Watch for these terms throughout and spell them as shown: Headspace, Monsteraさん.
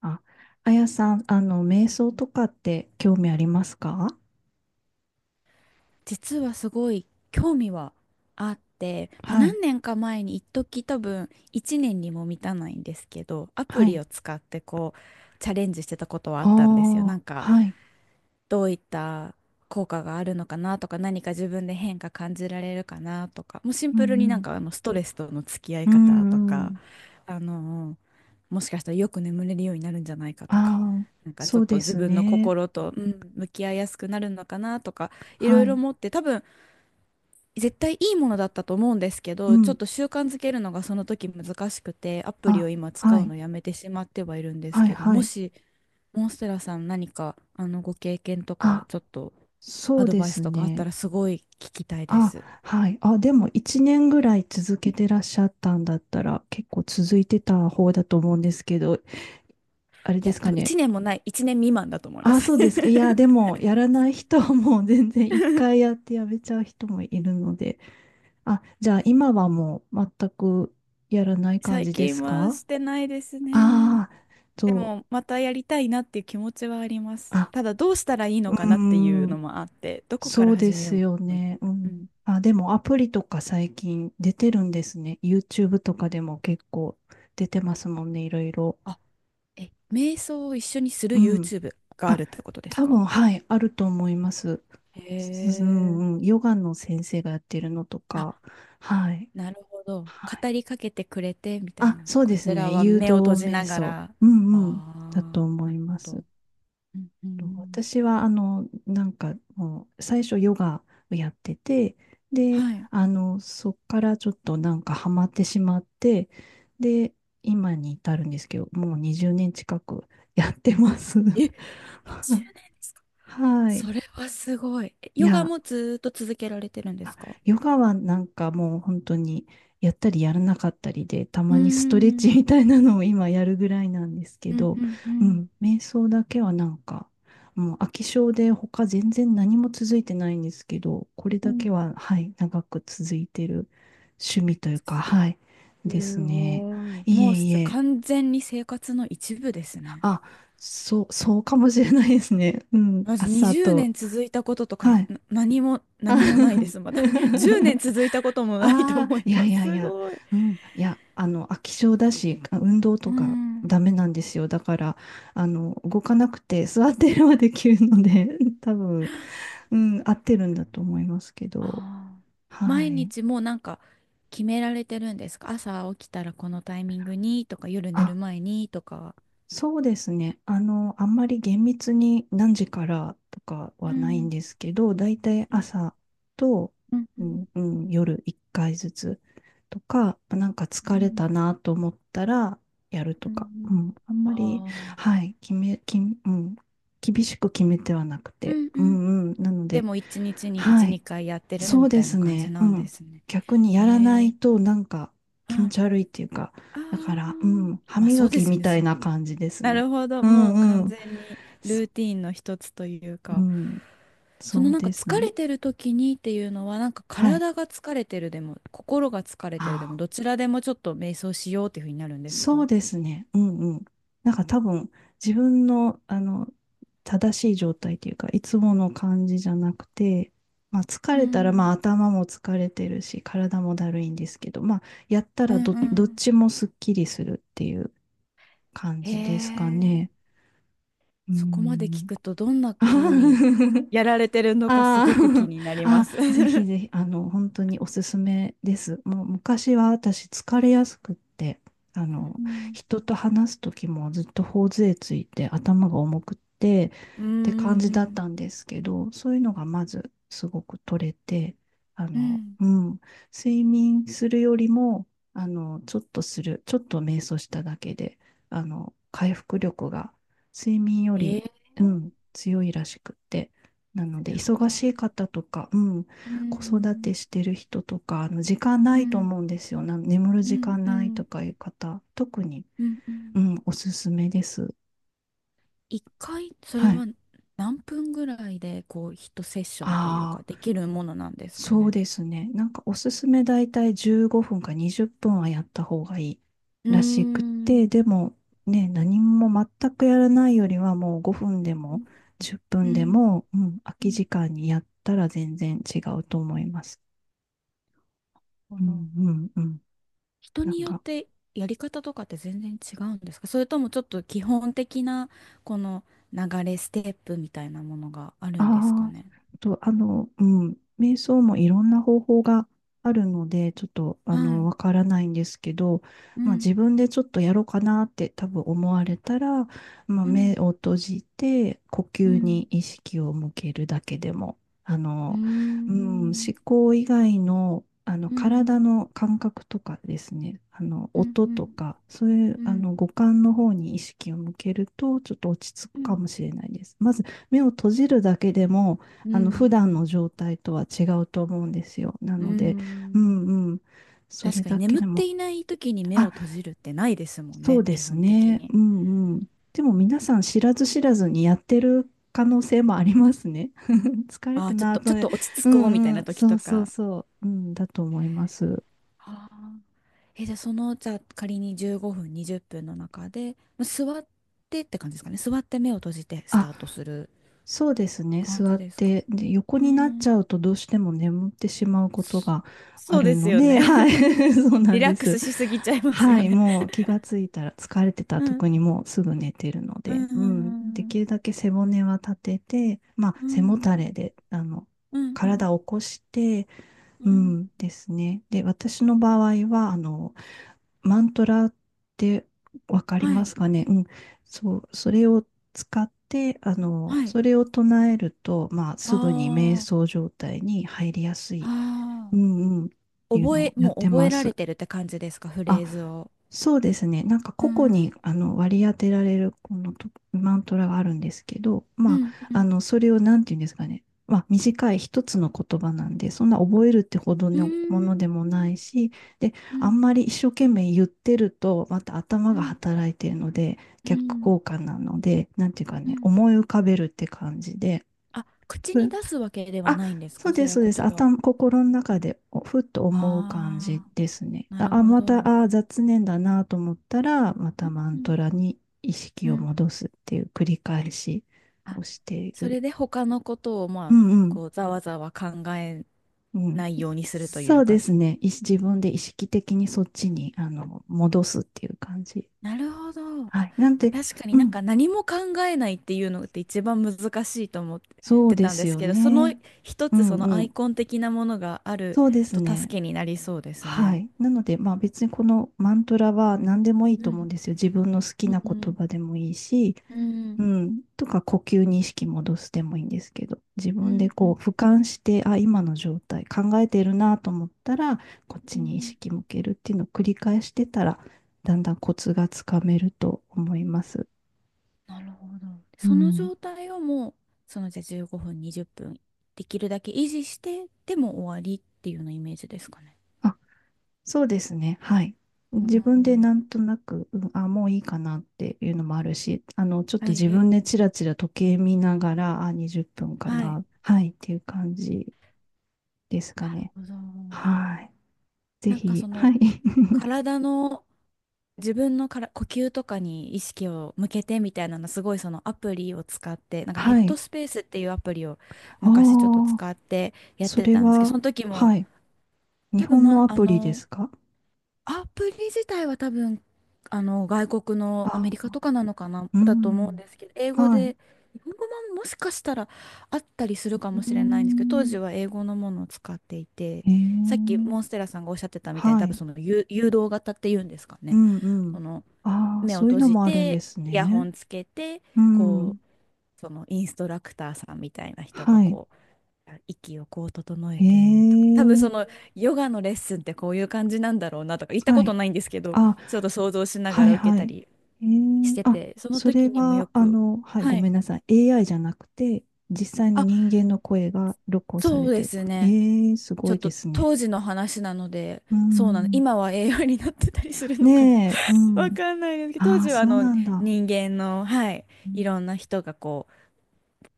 あ、あやさん、瞑想とかって興味ありますか？実はすごい興味はあって、はい、何年か前に一時多分1年にも満たないんですけどアプはリい。を使ってこうチャレンジしてたことはああったんですよ。なあ、んかはい。どういった効果があるのかなとか、何か自分で変化感じられるかなとか、もうシンうプルにんストレスとの付き合いうん。方とうんうか、ん。あのもしかしたらよく眠れるようになるんじゃないかとか。ああ、なんかちそょっうとで自す分のね。心と、向き合いやすくなるのかなとか、いろはいろい。思って、多分絶対いいものだったと思うんですけうど、ちょっん。と習慣づけるのがその時難しくて、アプリをあ、今使はうい。のやめてしまってはいるんですはい、けど、はもい。し、モンステラさん何か、ご経験とか、あ、ちょっとそアうドでバイスすとかあったね。らすごい聞きたいであ、す。はい。あ、でも一年ぐらい続けてらっしゃったんだったら、結構続いてた方だと思うんですけど、あれいでや、す多か分ね。1年もない、1年未満だと思いまあ、す。そうですか。いや、でも、やらない人はもう全然一回 やってやめちゃう人もいるので。あ、じゃあ今はもう全くやらない感最じで近すはか？してないですね。ああー、でそも、またやりたいなっていう気持ちはありまう。す。あ、ただ、どうしたらいいのうかーなっていうのん、もあって、どこかそらうで始めすよようも。ね。ううん。んあ、でもアプリとか最近出てるんですね。YouTube とかでも結構出てますもんね、いろいろ。あえ、瞑想を一緒にする うん。YouTube がああ、るってことです多か？分、はい、あると思います。へうん、うん、え。ヨガの先生がやってるのとか、あ、はい、なるほど。はい。語りかけてくれてみたいあ、な。そうこですちらね、は誘導目を閉じ瞑なが想、ら。うあんうん、だとあ、思ないるほます。ど。うんうん。私は、なんか、もう、最初ヨガをやってて、で、はい。そっからちょっとなんかハマってしまって、で、今に至るんですけど、もう20年近くやってます。え、20年ですか？はい。それはすごい。えいヨガや、もずーっと続けられてるんであすか？ヨガはなんかもう本当にやったりやらなかったりで、たうーまにストレッチん。みたいなのを今やるぐらいなんですけうんど、うんううん。ん、瞑想だけはなんか、もう飽き性で他全然何も続いてないんですけど、これうだけん、は、はい、長く続いてる趣味というか、はい、ですすね。ごい。いもうえいすえ、完全に生活の一部ですね。あ、そう、そうかもしれないですね。うん、まず朝20と、年続いたこととか、はい。何も、あ 何もないではす、まい。だ。10年続いたこともないとああ、思いいやまいす。やいすや、ごい。うん、いや、飽き性だし、あ運動うとかん。ダあメなんですよ。だから、動かなくて座ってればできるので、多分、うん、合ってるんだと思いますけど、あ。は毎い。日もうなんか決められてるんですか？朝起きたらこのタイミングにとか、夜寝あ、る前にとか。そうですね。あんまり厳密に何時からとかうはないんんですけど、だいたいうん朝と、うんううんんうん、夜1回ずつとか、なんかう疲れんたなと思ったらやるとうか、うんん、あんまあり、あ。はい、決め、き、うん、厳しく決めてはなくうて、んううん。んうん、なのでで、も一日に一、はい、二回やってるそみうたでいすな感じね。うなんでん。すね。逆にやらないえとなんかう気ん。持あち悪いっていうか、だから、うあ。ん、歯まあそ磨うできすよみね。たいな感じですなね。るほど。うもうん完うん。全にそ、ルーティンの一つといううか、ん、その、そうなんかです疲れね。てる時にっていうのは、なんかはい。体が疲れてるでも、心が疲れてるであも、あ、どちらでもちょっと瞑想しようっていうふうになるんですそうか？ですね。うんうん。なんか多分自分の、正しい状態っていうか、いつもの感じじゃなくて、まあ疲うれたら、まあん。頭も疲れてるし、体もだるいんですけど、まあやったうらんうどっちん。もすっきりするっていう。感へじですかえ、ね。うーそこまで聞ん。くとどんな風に やられてるのかすあごく気ー にな りまあ、す。ぜひぜひ、本当におすすめです。もう昔は私疲れやすくって、あの、うん人と話す時もずっと頬杖ついて頭が重くってっうーて感じだっん。たんですけど、そういうのがまずすごく取れて、うん。うん、睡眠するよりも、ちょっと瞑想しただけで、回復力が睡眠よへえり、ー。すうごん、強いらしくって。なので、忙しいい。方とか、うん、う子育てん。してる人とか、あの時間うないとん。思うんですよ。な眠るう時ん。間うないとん。かいう方、特に、うんうん。うん、おすすめです。一回、それはい。は何分ぐらいで、こう、一セッションというあか、あ、できるものなんですかそうね。ですね。なんかおすすめだいたい15分か20分はやった方がいいうーらしくて、ん。でもね、何も全くやらないよりはもう5分でうもん。10う分でんも、うん、空うきん、時間にやったら全然違うと思います。なうるほど。んうんうん。人なにんよっかてやり方とかって全然違うんですか？それともちょっと基本的なこの流れ、ステップみたいなものがあるんですかあね？あ、と、うん、瞑想もいろんな方法があるので、ちょっと、はい。わからないんですけど、うまあ、ん。自分でちょっとやろうかなって多分思われたら、まあ、う目ん。を閉じて、呼う吸にん。意識を向けるだけでも、あうーの、うん、思ん。考以外の、う体ん。の感覚とかですね、うん。音うとん。か、そういう、うん。五感の方に意識を向けると、ちょっと落ち着うくかん。もしれないです。まず目を閉じるだけでも、う普段ん。の状態とは違うと思うんですよ。なうので、うん。んうん。そ確れかにだけ眠っでても、いない時に目をあ、閉じるってないですもんそうね、で基す本的ね。に。うんうん。でも皆さん知らず知らずにやってる可能性もありますね。疲れあたあ、ちょっなと、ぁとちょっね。と落ち着うこうみたいんうなん。時そとうそうか。そう。うん、だと思います。はあ、え、じゃあその、じゃあ仮に15分、20分の中で、座ってって感じですかね。座って目を閉じてスあ、タートするそうですね。感座じっですか。て、で、横うになっちん。ゃうとどうしても眠ってしまうことがあそうるですのよね。で、はい。そうなリんラッでクスす。しすぎちゃいますはよい。ね。もう気がついたら疲れてたらうん。特にもうすぐ寝てるのうで、うん。でん。きるだけ背骨は立てて、まあ、う背もん。たれで、うん。うん。体を起こして、ううん。んですね。で、私の場合は、マントラってわかりはまい。すかね。うん。そう、それを使って、はい。それを唱えると、まあ、すぐに瞑あ想状態に入りやすい。あ。あうんうん。っあ。ていうのをやっもうて覚えまられす。てるって感じですか、フあ、レーズを。そうですね。なんかう個々んにあの割り当てられるこのとマントラがあるんですけど、うまんうあ、あんのそれをなんていうんですかね、まあ、短い一つの言葉なんで、そんな覚えるってほどうーのものでもなんいし、で、うあんんまり一生懸命言ってると、また頭うがん働いてるので、う逆ん効果なので、なんていうかうね、ん思い浮かべるって感じで、あ、口に出すわけではあ、ないんですか、それはそうです。言葉を。頭、心の中でおふっと思う感あじですね。あ、なあ、るあほまど。た、あ、雑念だなと思ったら、まうたんマうンんトラに意う識をん戻すっていう繰り返しをあ、していそる。れで他のことを、うんうん。ざわざわ考えうん、ないようにするといそううでか、すね。い自分で意識的にそっちにあの戻すっていう感じ。なるほど。はあ、い。なんまあ、て、確かにうん。何も考えないっていうのって一番難しいと思っそうてでたんすですよけど、そのね。一うつそんのうアん。イコン的なものがあるそうですとね。助けになりそうですはね。い。なので、まあ別にこのマントラは何でもいいうと思うんでん、すよ。自分の好きなう言ん葉でもいいし、うんううんん、とか呼吸に意識戻すでもいいんですけど、自う分でんうこうん俯瞰して、あ、今の状態考えてるなと思ったら、こっちに意識向けるっていうのを繰り返してたら、だんだんコツがつかめると思います。なるほど。うそのん。状態をもう、そのじゃあ15分、20分できるだけ維持してでも終わりっていうようなイメージですかね。あ、そうですね。はい。う自分でんなんとなく、うん、あ、もういいかなっていうのもあるし、ちょっはとい自は分でチいラチラ時計見ながら、あ、20分かはいはい。な、はい、っていう感じですかなるね。ほど。はい。ぜなんかひ、そはのい。体の自分のから呼吸とかに意識を向けてみたいなの、すごい、そのアプリを使って、なんかヘッはドい。スペースっていうアプリを昔ちょっとああ、使ってやっそてれたんですけど、そは、の時もはい。日多分、本のまアあプリでのすか？アプリ自体は多分外国の、アメリカあ、とかなのかなうだと思うんん。ですけど、英語はい。で、日本語ももしかしたらあったりするかもうしれないんですけど、当時ん。は英語のものを使っていて、へさっきモンスえ。テラさんがおっしゃってたみたいに、は多分い。その誘導型っていうんですかうね、んうん。このああ、目をそういう閉のじもあるんて、ですイヤホね。ンつけて、うこん。そのインストラクターさんみたいな人がはい。息をこう整えへえ、てとか、多分そのヨガのレッスンってこういう感じなんだろうなとか、行ったはことい。ないんですけど、あ、ちょっと想像しながはらい受けはたい。りへしえ、てあ、て、そのそれ時にもよは、く、はい、ごはい。めんなさい。AI じゃなくて、実際のあ、人間の声が録音さそれうでてる。すね。ええ、すちごょっいでとすね。当時の話なので、うそうなの。ん。今は栄養になってたりするのかな。 ねえ、う わん。かんないですけど、当ああ、時はそうなんだ。なる人間の、はい、いろんな人がこう、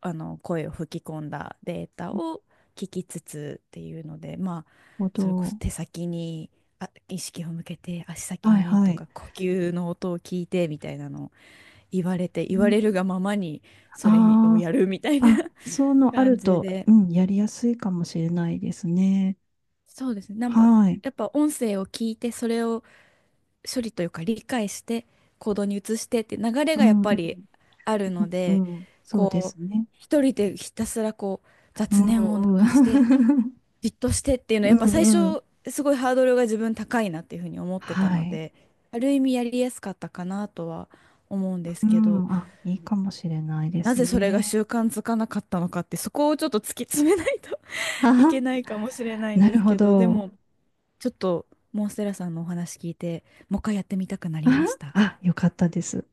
あの声を吹き込んだデータを聞きつつっていうので、まあほそれこそど。手先に意識を向けて足先はいにはとい。か、呼吸の音を聞いてみたいなのを 言われて、言われるがままにそれにをあやるみたいあー、あ、な そうのあ感るじと、で、うん、やりやすいかもしれないですね。そうですね、なんかはい。やっぱ音声を聞いてそれを処理というか理解して行動に移してって流れうがやっん、うぱりん、あるので、うんそうでこすうね。一人でひたすらこうう雑念をなんうくしてん。じっとしてっていうのはうやっぱん最うん。初すごいハードルが自分高いなっていうふうに思ってたはのい。で、ある意味やりやすかったかなとは思うんでうすけど、ん。あ、いいかもしれないでなすぜそれがね。習慣づかなかったのかって、そこをちょっと突き詰めないと は いは。けないかもしれないんなでるすほけど、でど。もちょっとモンステラさんのお話聞いて、もう一回やってみたくなありましは、た。あよかったです。